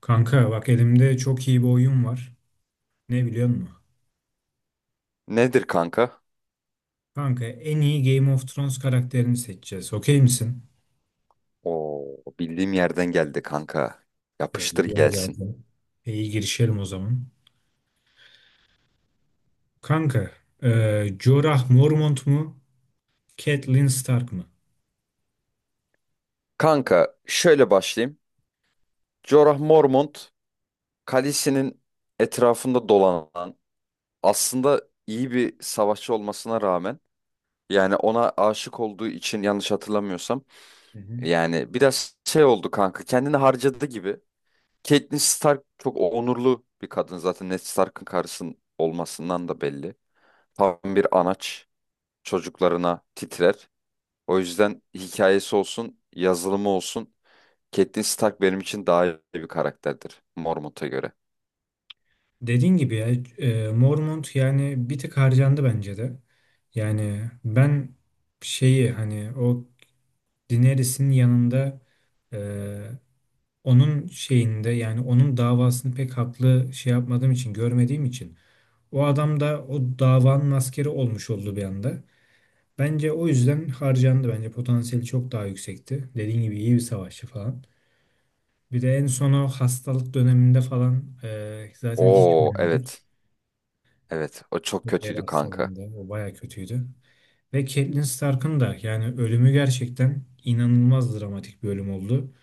Kanka bak elimde çok iyi bir oyun var. Ne biliyor musun? Nedir kanka? Kanka en iyi Game of Thrones karakterini seçeceğiz. Okey misin? Oo, bildiğim yerden geldi kanka. Yapıştır Biliyorum gelsin. zaten. İyi girişelim o zaman. Kanka, e, Jorah Mormont mu? Catelyn Stark mı? Kanka şöyle başlayayım. Jorah Mormont kalesinin etrafında dolanan aslında iyi bir savaşçı olmasına rağmen yani ona aşık olduğu için yanlış hatırlamıyorsam Hı hı. yani biraz şey oldu kanka kendini harcadı gibi. Catelyn Stark çok onurlu bir kadın zaten Ned Stark'ın karısının olmasından da belli. Tam bir anaç çocuklarına titrer. O yüzden hikayesi olsun, yazılımı olsun. Catelyn Stark benim için daha iyi bir karakterdir Mormont'a göre. Dediğin gibi ya Mormont yani bir tık harcandı bence de. Yani ben şeyi hani o Daenerys'in yanında e, onun şeyinde yani onun davasını pek haklı şey yapmadığım için görmediğim için o adam da o davanın askeri olmuş oldu bir anda. Bence o yüzden harcandı. Bence potansiyeli çok daha yüksekti. Dediğin gibi iyi bir savaşçı falan. Bir de en son o hastalık döneminde falan zaten hiç Oo göremedik. evet. Evet o çok Hitler kötüydü kanka. hastalığında o baya kötüydü. Ve Catelyn Stark'ın da yani ölümü gerçekten inanılmaz dramatik bir ölüm oldu.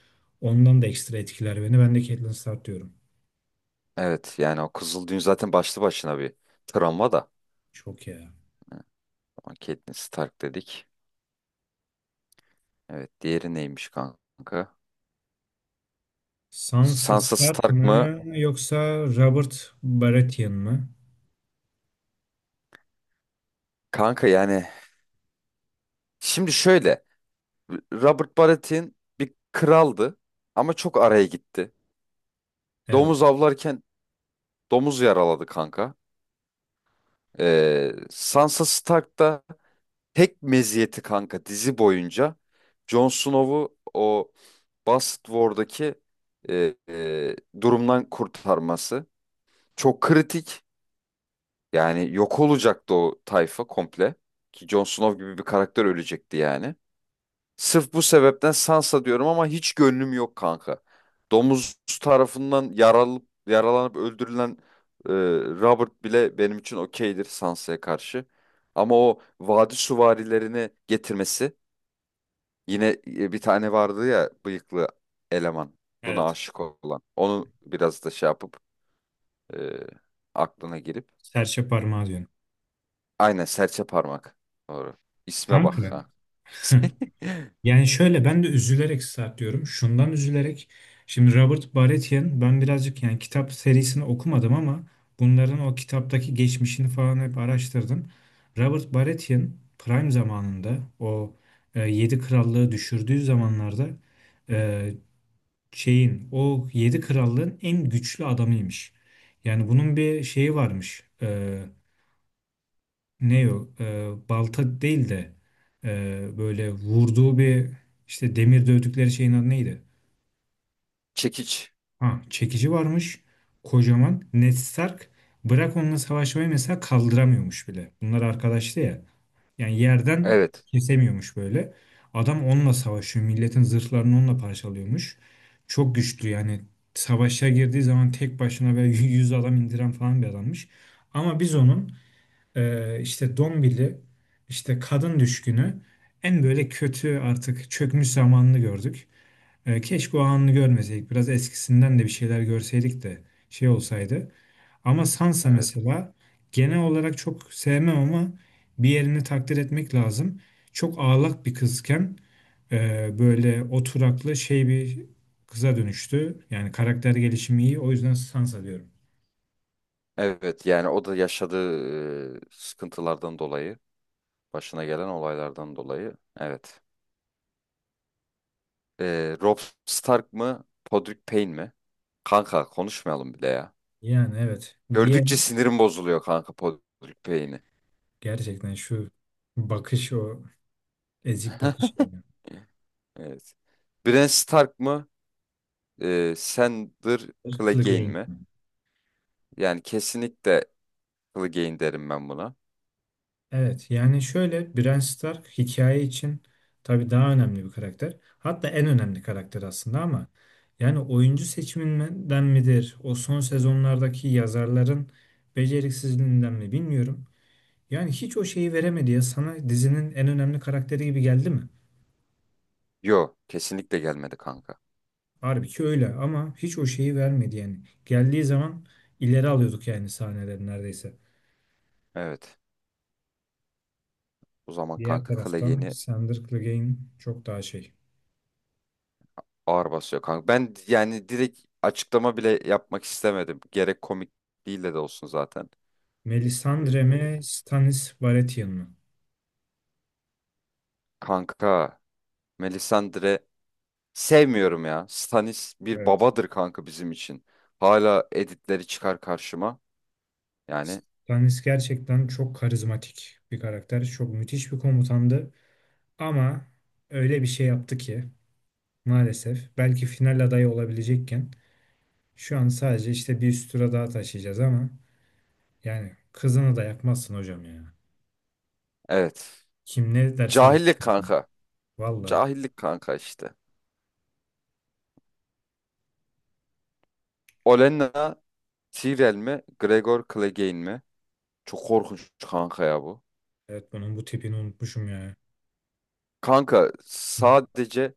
Ondan da ekstra etkiler beni. Ben de Catelyn Stark diyorum. Evet yani o Kızıl zaten başlı başına bir travma da. Çok ya. Evet, ama Catelyn Stark dedik. Evet diğeri neymiş kanka? Sansa Sansa Stark Stark mı mı? yoksa Robert Baratheon mı? Kanka yani şimdi şöyle. Robert Baratheon bir kraldı ama çok araya gitti. Evet. Domuz avlarken domuz yaraladı kanka. Sansa Stark da tek meziyeti kanka dizi boyunca Jon Snow'u o Bastard War'daki e, e, durumdan kurtarması. Çok kritik. Yani yok olacaktı o tayfa komple. Ki Jon Snow gibi bir karakter ölecekti yani. Sırf bu sebepten Sansa diyorum ama hiç gönlüm yok kanka. Domuz tarafından yaralanıp, yaralanıp öldürülen e, Robert bile benim için okeydir Sansa'ya karşı. Ama o vadi süvarilerini getirmesi yine bir tane vardı ya bıyıklı eleman buna Evet. aşık olan. Onu biraz da şey yapıp e, aklına girip. Serçe parmağı diyorum. Aynen serçe parmak. Doğru. İsme bak Kanka. ha. Yani şöyle ben de üzülerek Stark diyorum. Şundan üzülerek. Şimdi Robert Baratheon ben birazcık yani kitap serisini okumadım ama bunların o kitaptaki geçmişini falan hep araştırdım. Robert Baratheon Prime zamanında o Yedi Krallığı düşürdüğü zamanlarda e, şeyin o yedi krallığın en güçlü adamıymış. Yani bunun bir şeyi varmış. Ne o? Balta değil de böyle vurduğu bir işte demir dövdükleri şeyin adı neydi? Çekiç. Ha, çekici varmış. Kocaman. Ned Stark bırak onunla savaşmayı mesela kaldıramıyormuş bile. Bunlar arkadaştı ya. Yani yerden Evet. kesemiyormuş böyle. Adam onunla savaşıyor. Milletin zırhlarını onunla parçalıyormuş. Çok güçlü yani. Savaşa girdiği zaman tek başına böyle 100 adam indiren falan bir adammış. Ama biz onun işte Dombili, işte kadın düşkünü en böyle kötü artık çökmüş zamanını gördük. Keşke o anını görmeseydik. Biraz eskisinden de bir şeyler görseydik de şey olsaydı. Ama Sansa Evet. mesela genel olarak çok sevmem ama bir yerini takdir etmek lazım. Çok ağlak bir kızken böyle oturaklı şey bir kıza dönüştü. Yani karakter gelişimi iyi. O yüzden Sansa diyorum. Evet yani o da yaşadığı sıkıntılardan dolayı, başına gelen olaylardan dolayı. Evet. Robb Stark mı, Podrick Payne mi? Kanka konuşmayalım bile ya. Yani evet. Diğer Gördükçe sinirim bozuluyor kanka Podrick Payne'i. gerçekten şu bakış o ezik bakış yani. Evet. Bran Stark mı? Sandor Kılık Clegane yayın. mi? Yani kesinlikle Clegane derim ben buna. Evet yani şöyle Bran Stark hikaye için tabii daha önemli bir karakter. Hatta en önemli karakter aslında ama yani oyuncu seçiminden midir? O son sezonlardaki yazarların beceriksizliğinden mi bilmiyorum. Yani hiç o şeyi veremedi ya sana dizinin en önemli karakteri gibi geldi mi? Yo, kesinlikle gelmedi kanka. Halbuki öyle ama hiç o şeyi vermedi yani. Geldiği zaman ileri alıyorduk yani sahneleri neredeyse. Evet. O zaman Diğer kanka taraftan Clegane'i Sandor Clegane çok daha şey. ağır basıyor kanka. Ben yani direkt açıklama bile yapmak istemedim. Gerek komikliğiyle de olsun zaten. Melisandre Ee, mi, Stannis Baratheon mu? kanka Melisandre sevmiyorum ya. Stannis bir Evet. babadır kanka bizim için. Hala editleri çıkar karşıma. Yani Stannis gerçekten çok karizmatik bir karakter. Çok müthiş bir komutandı. Ama öyle bir şey yaptı ki maalesef belki final adayı olabilecekken şu an sadece işte bir üst tura daha taşıyacağız ama yani kızını da yakmazsın hocam ya. evet. Kim ne derse desin. Cahillik kanka. Valla. Cahillik kanka işte. Olenna Tyrell mi? Gregor Clegane mi? Çok korkunç kanka ya bu. Evet bunun bu tipini unutmuşum ya. Kanka sadece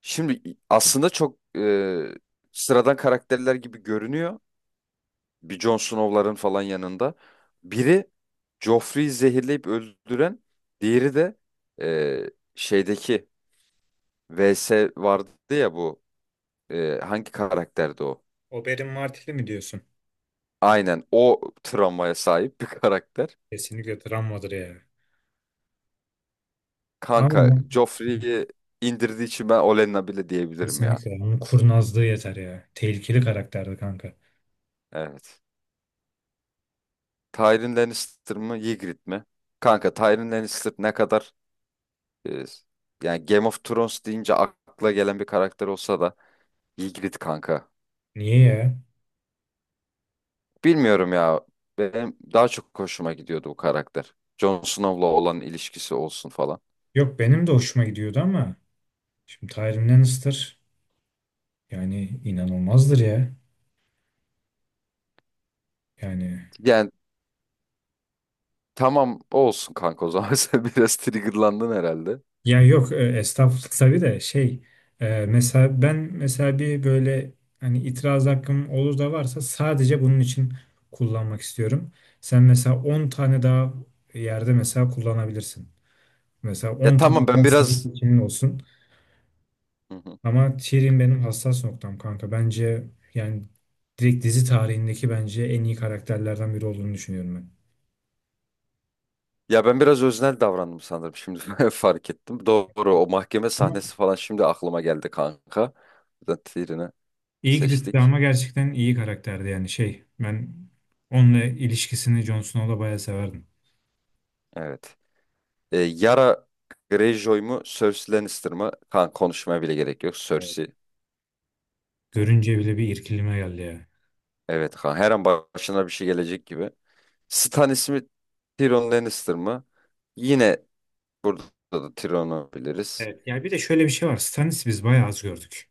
şimdi aslında çok sıradan karakterler gibi görünüyor. Bir Jon Snow'ların falan yanında. Biri Joffrey'i zehirleyip öldüren, diğeri de e, şeydeki VS vardı ya bu. Hangi karakterdi o? Oberyn Martell'i mi diyorsun? Aynen o travmaya sahip bir karakter. Kesinlikle travmadır ya. Kanka Ama Joffrey'i indirdiği için ben Olenna bile diyebilirim ya. kesinlikle. Onun kurnazlığı yeter ya. Tehlikeli karakterdi kanka. Evet. Tyrion Lannister mı Ygritte mi? Kanka Tyrion Lannister ne kadar e, yani Game of Thrones deyince akla gelen bir karakter olsa da Ygritte kanka. Niye ya? Bilmiyorum ya. Benim daha çok hoşuma gidiyordu bu karakter. Jon Snow'la olan ilişkisi olsun falan. Yok benim de hoşuma gidiyordu ama şimdi Tyrion Lannister yani inanılmazdır ya. Yani Yani tamam olsun kanka o zaman sen biraz triggerlandın herhalde. ya yok estağfurullah tabii de şey mesela ben mesela bir böyle hani itiraz hakkım olur da varsa sadece bunun için kullanmak istiyorum. Sen mesela 10 tane daha yerde mesela kullanabilirsin. Mesela Ya 10 tamam tane ben daha senin biraz... seçimin olsun. Hı hı. Ama Tyrion benim hassas noktam kanka. Bence yani direkt dizi tarihindeki bence en iyi karakterlerden biri olduğunu düşünüyorum ben. Ya ben biraz öznel davrandım sanırım şimdi fark ettim. Doğru o mahkeme Ama sahnesi falan şimdi aklıma geldi kanka. Buradan Tyrion'u Ygritte de seçtik. ama gerçekten iyi karakterdi yani şey. Ben onunla ilişkisini Jon Snow'la bayağı severdim. Evet. Yara Greyjoy mu Cersei Lannister mı? Kanka konuşmaya bile gerek yok. Evet. Cersei. Görünce bile bir irkilme geldi ya. Evet kanka her an başına bir şey gelecek gibi. Stan ismi Tyrion Lannister mı? Yine burada da Tyrion'u biliriz. Evet. Yani bir de şöyle bir şey var. Stannis'i biz bayağı az gördük.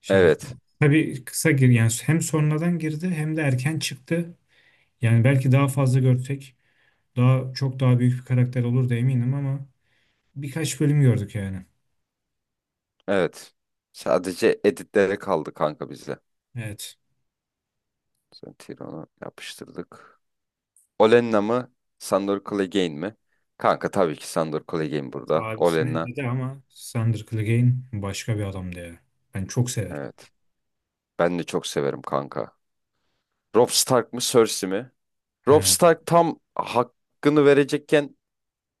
Şimdi Evet. tabii kısa gir yani hem sonradan girdi hem de erken çıktı. Yani belki daha fazla görsek daha çok daha büyük bir karakter olur da eminim ama birkaç bölüm gördük yani. Evet. Sadece editlere kaldı kanka bize. Evet. Sen Tyrion'u yapıştırdık. Olenna mı? Sandor Clegane mi? Kanka tabii ki Sandor Clegane Evet, burada. abisini Olenna. eledi ama Sandor Clegane başka bir adamdı ya. Ben çok severim. Evet. Ben de çok severim kanka. Robb Stark mı Cersei mi? Robb He. Stark tam hakkını verecekken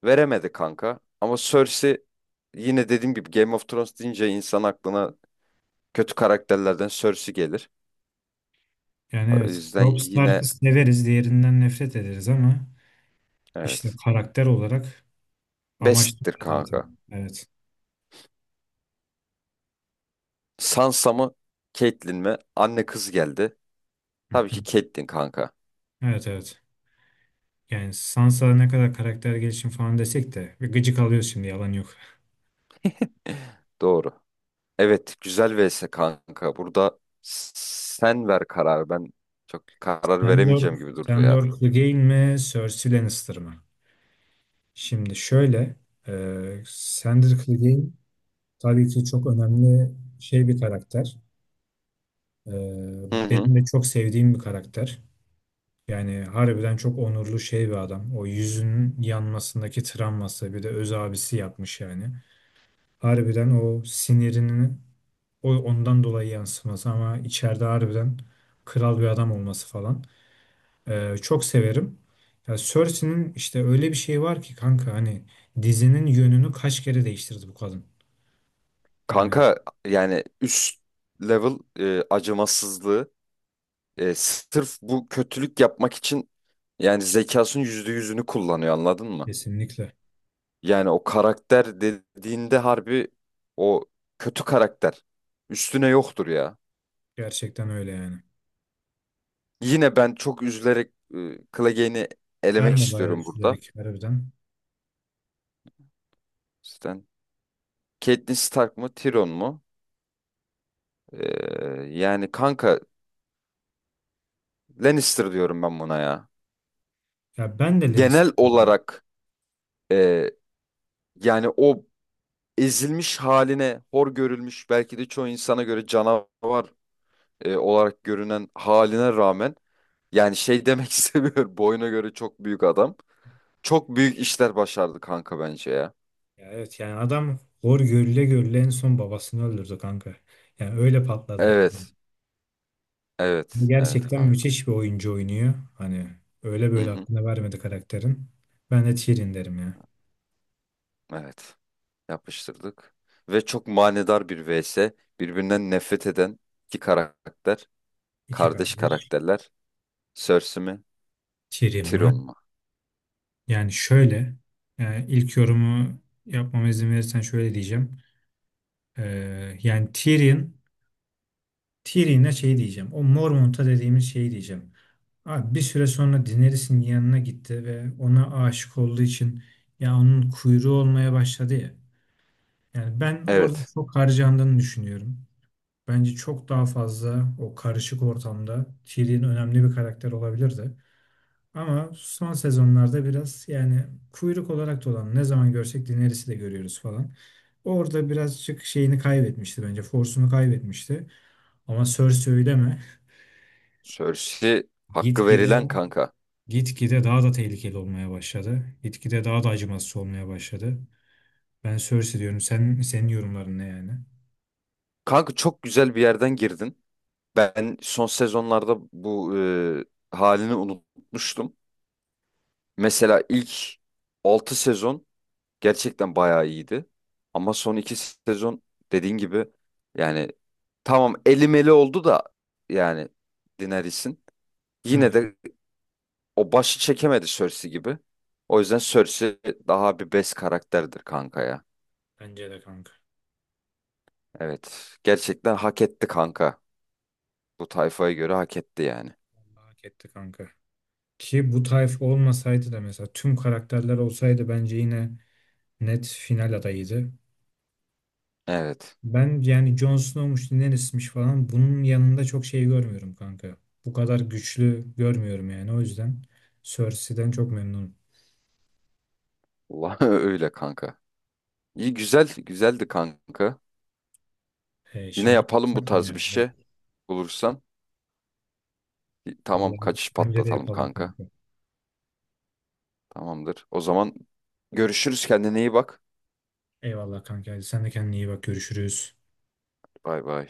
veremedi kanka. Ama Cersei yine dediğim gibi Game of Thrones deyince insan aklına kötü karakterlerden Cersei gelir. Yani O evet. yüzden Robb Stark'ı yine severiz. Diğerinden nefret ederiz ama işte evet. karakter olarak amaç da Best'tir o kanka. zaten. Evet. Sansa mı? Caitlyn mi? Anne kız geldi. Hı Tabii hı. ki Caitlyn kanka. Evet, evet. Yani Sansa ne kadar karakter gelişim falan desek de bir gıcık alıyoruz şimdi yalan yok. Doğru. Evet, güzel vs kanka. Burada sen ver karar. Ben çok karar Sandor, veremeyeceğim gibi durdu ya. Sandor Clegane mi? Cersei Lannister mı? Şimdi şöyle Sandor Clegane tabii ki çok önemli şey bir karakter. Ee, Hı hı. Benim de çok sevdiğim bir karakter. Yani harbiden çok onurlu şey bir adam. O yüzünün yanmasındaki travması bir de öz abisi yapmış yani. Harbiden o sinirinin o ondan dolayı yansıması ama içeride harbiden kral bir adam olması falan. Çok severim. Ya Cersei'nin işte öyle bir şeyi var ki kanka hani dizinin yönünü kaç kere değiştirdi bu kadın. Yani Kanka yani üst level acımasızlığı sırf bu kötülük yapmak için yani zekasının %100'ünü kullanıyor anladın mı? kesinlikle. Yani o karakter dediğinde harbi o kötü karakter üstüne yoktur ya. Gerçekten öyle yani. Yine ben çok üzülerek Clegane'i elemek Ben de bayağı istiyorum üzülerek harbiden. burada. Catelyn Stark mı, Tyrion mu? Yani kanka Lannister diyorum ben buna ya. Ya ben de Genel Lannister diyorum. olarak e, yani o ezilmiş haline, hor görülmüş belki de çoğu insana göre canavar olarak görünen haline rağmen yani şey demek istemiyorum. Boyuna göre çok büyük adam. Çok büyük işler başardı kanka bence ya. Ya evet yani adam hor görüle görüle en son babasını öldürdü kanka. Yani öyle patladı. Evet. Hani Evet. Evet gerçekten kanka. müthiş bir oyuncu oynuyor. Hani öyle Hı böyle hı. aklına vermedi karakterin. Ben de Tyrion derim ya. Evet. Yapıştırdık. Ve çok manidar bir vs. Birbirinden nefret eden iki karakter. İki Kardeş kardeş. karakterler. Cersei mi? Tyrion Tyrion mı? mu? Yani şöyle. Yani ilk yorumu yapmama izin verirsen şöyle diyeceğim. Yani Tyrion'a şey diyeceğim. O Mormont'a dediğimiz şeyi diyeceğim. Abi bir süre sonra Daenerys'in yanına gitti ve ona aşık olduğu için ya onun kuyruğu olmaya başladı ya. Yani ben orada Evet. çok harcandığını düşünüyorum. Bence çok daha fazla o karışık ortamda Tyrion önemli bir karakter olabilirdi. Ama son sezonlarda biraz yani kuyruk olarak da ne zaman görsek Daenerys'i de görüyoruz falan. Orada birazcık şeyini kaybetmişti bence. Force'unu kaybetmişti. Ama Cersei öyle mi? Cersei hakkı Gitgide verilen kanka. gitgide daha da tehlikeli olmaya başladı. Gitgide daha da acımasız olmaya başladı. Ben Cersei diyorum. Sen senin yorumların ne yani? Kanka çok güzel bir yerden girdin. Ben son sezonlarda bu halini unutmuştum. Mesela ilk 6 sezon gerçekten bayağı iyiydi. Ama son 2 sezon dediğin gibi yani tamam elimeli oldu da yani Daenerys'in. Yine Evet, de o başı çekemedi Cersei gibi. O yüzden Cersei daha bir best karakterdir kanka ya. bence de kanka. Evet. Gerçekten hak etti kanka. Bu tayfaya göre hak etti yani. Vallahi hak etti kanka. Ki bu tayf olmasaydı da mesela tüm karakterler olsaydı bence yine net final adayıydı. Evet. Ben yani Jon Snow'muş, Daenerys'miş falan bunun yanında çok şey görmüyorum kanka. Bu kadar güçlü görmüyorum yani o yüzden Cersei'den çok memnunum. Vallahi öyle kanka. İyi güzel, güzeldi kanka. Yine Şimdi yapalım bu kalksak mı tarz bir yani? Evet. şey bulursan. Tamam Vallahi kaçış bence de patlatalım yapalım kanka. kanka. Tamamdır. O zaman görüşürüz kendine iyi bak. Eyvallah kanka. Hadi sen de kendine iyi bak. Görüşürüz. Bay bay.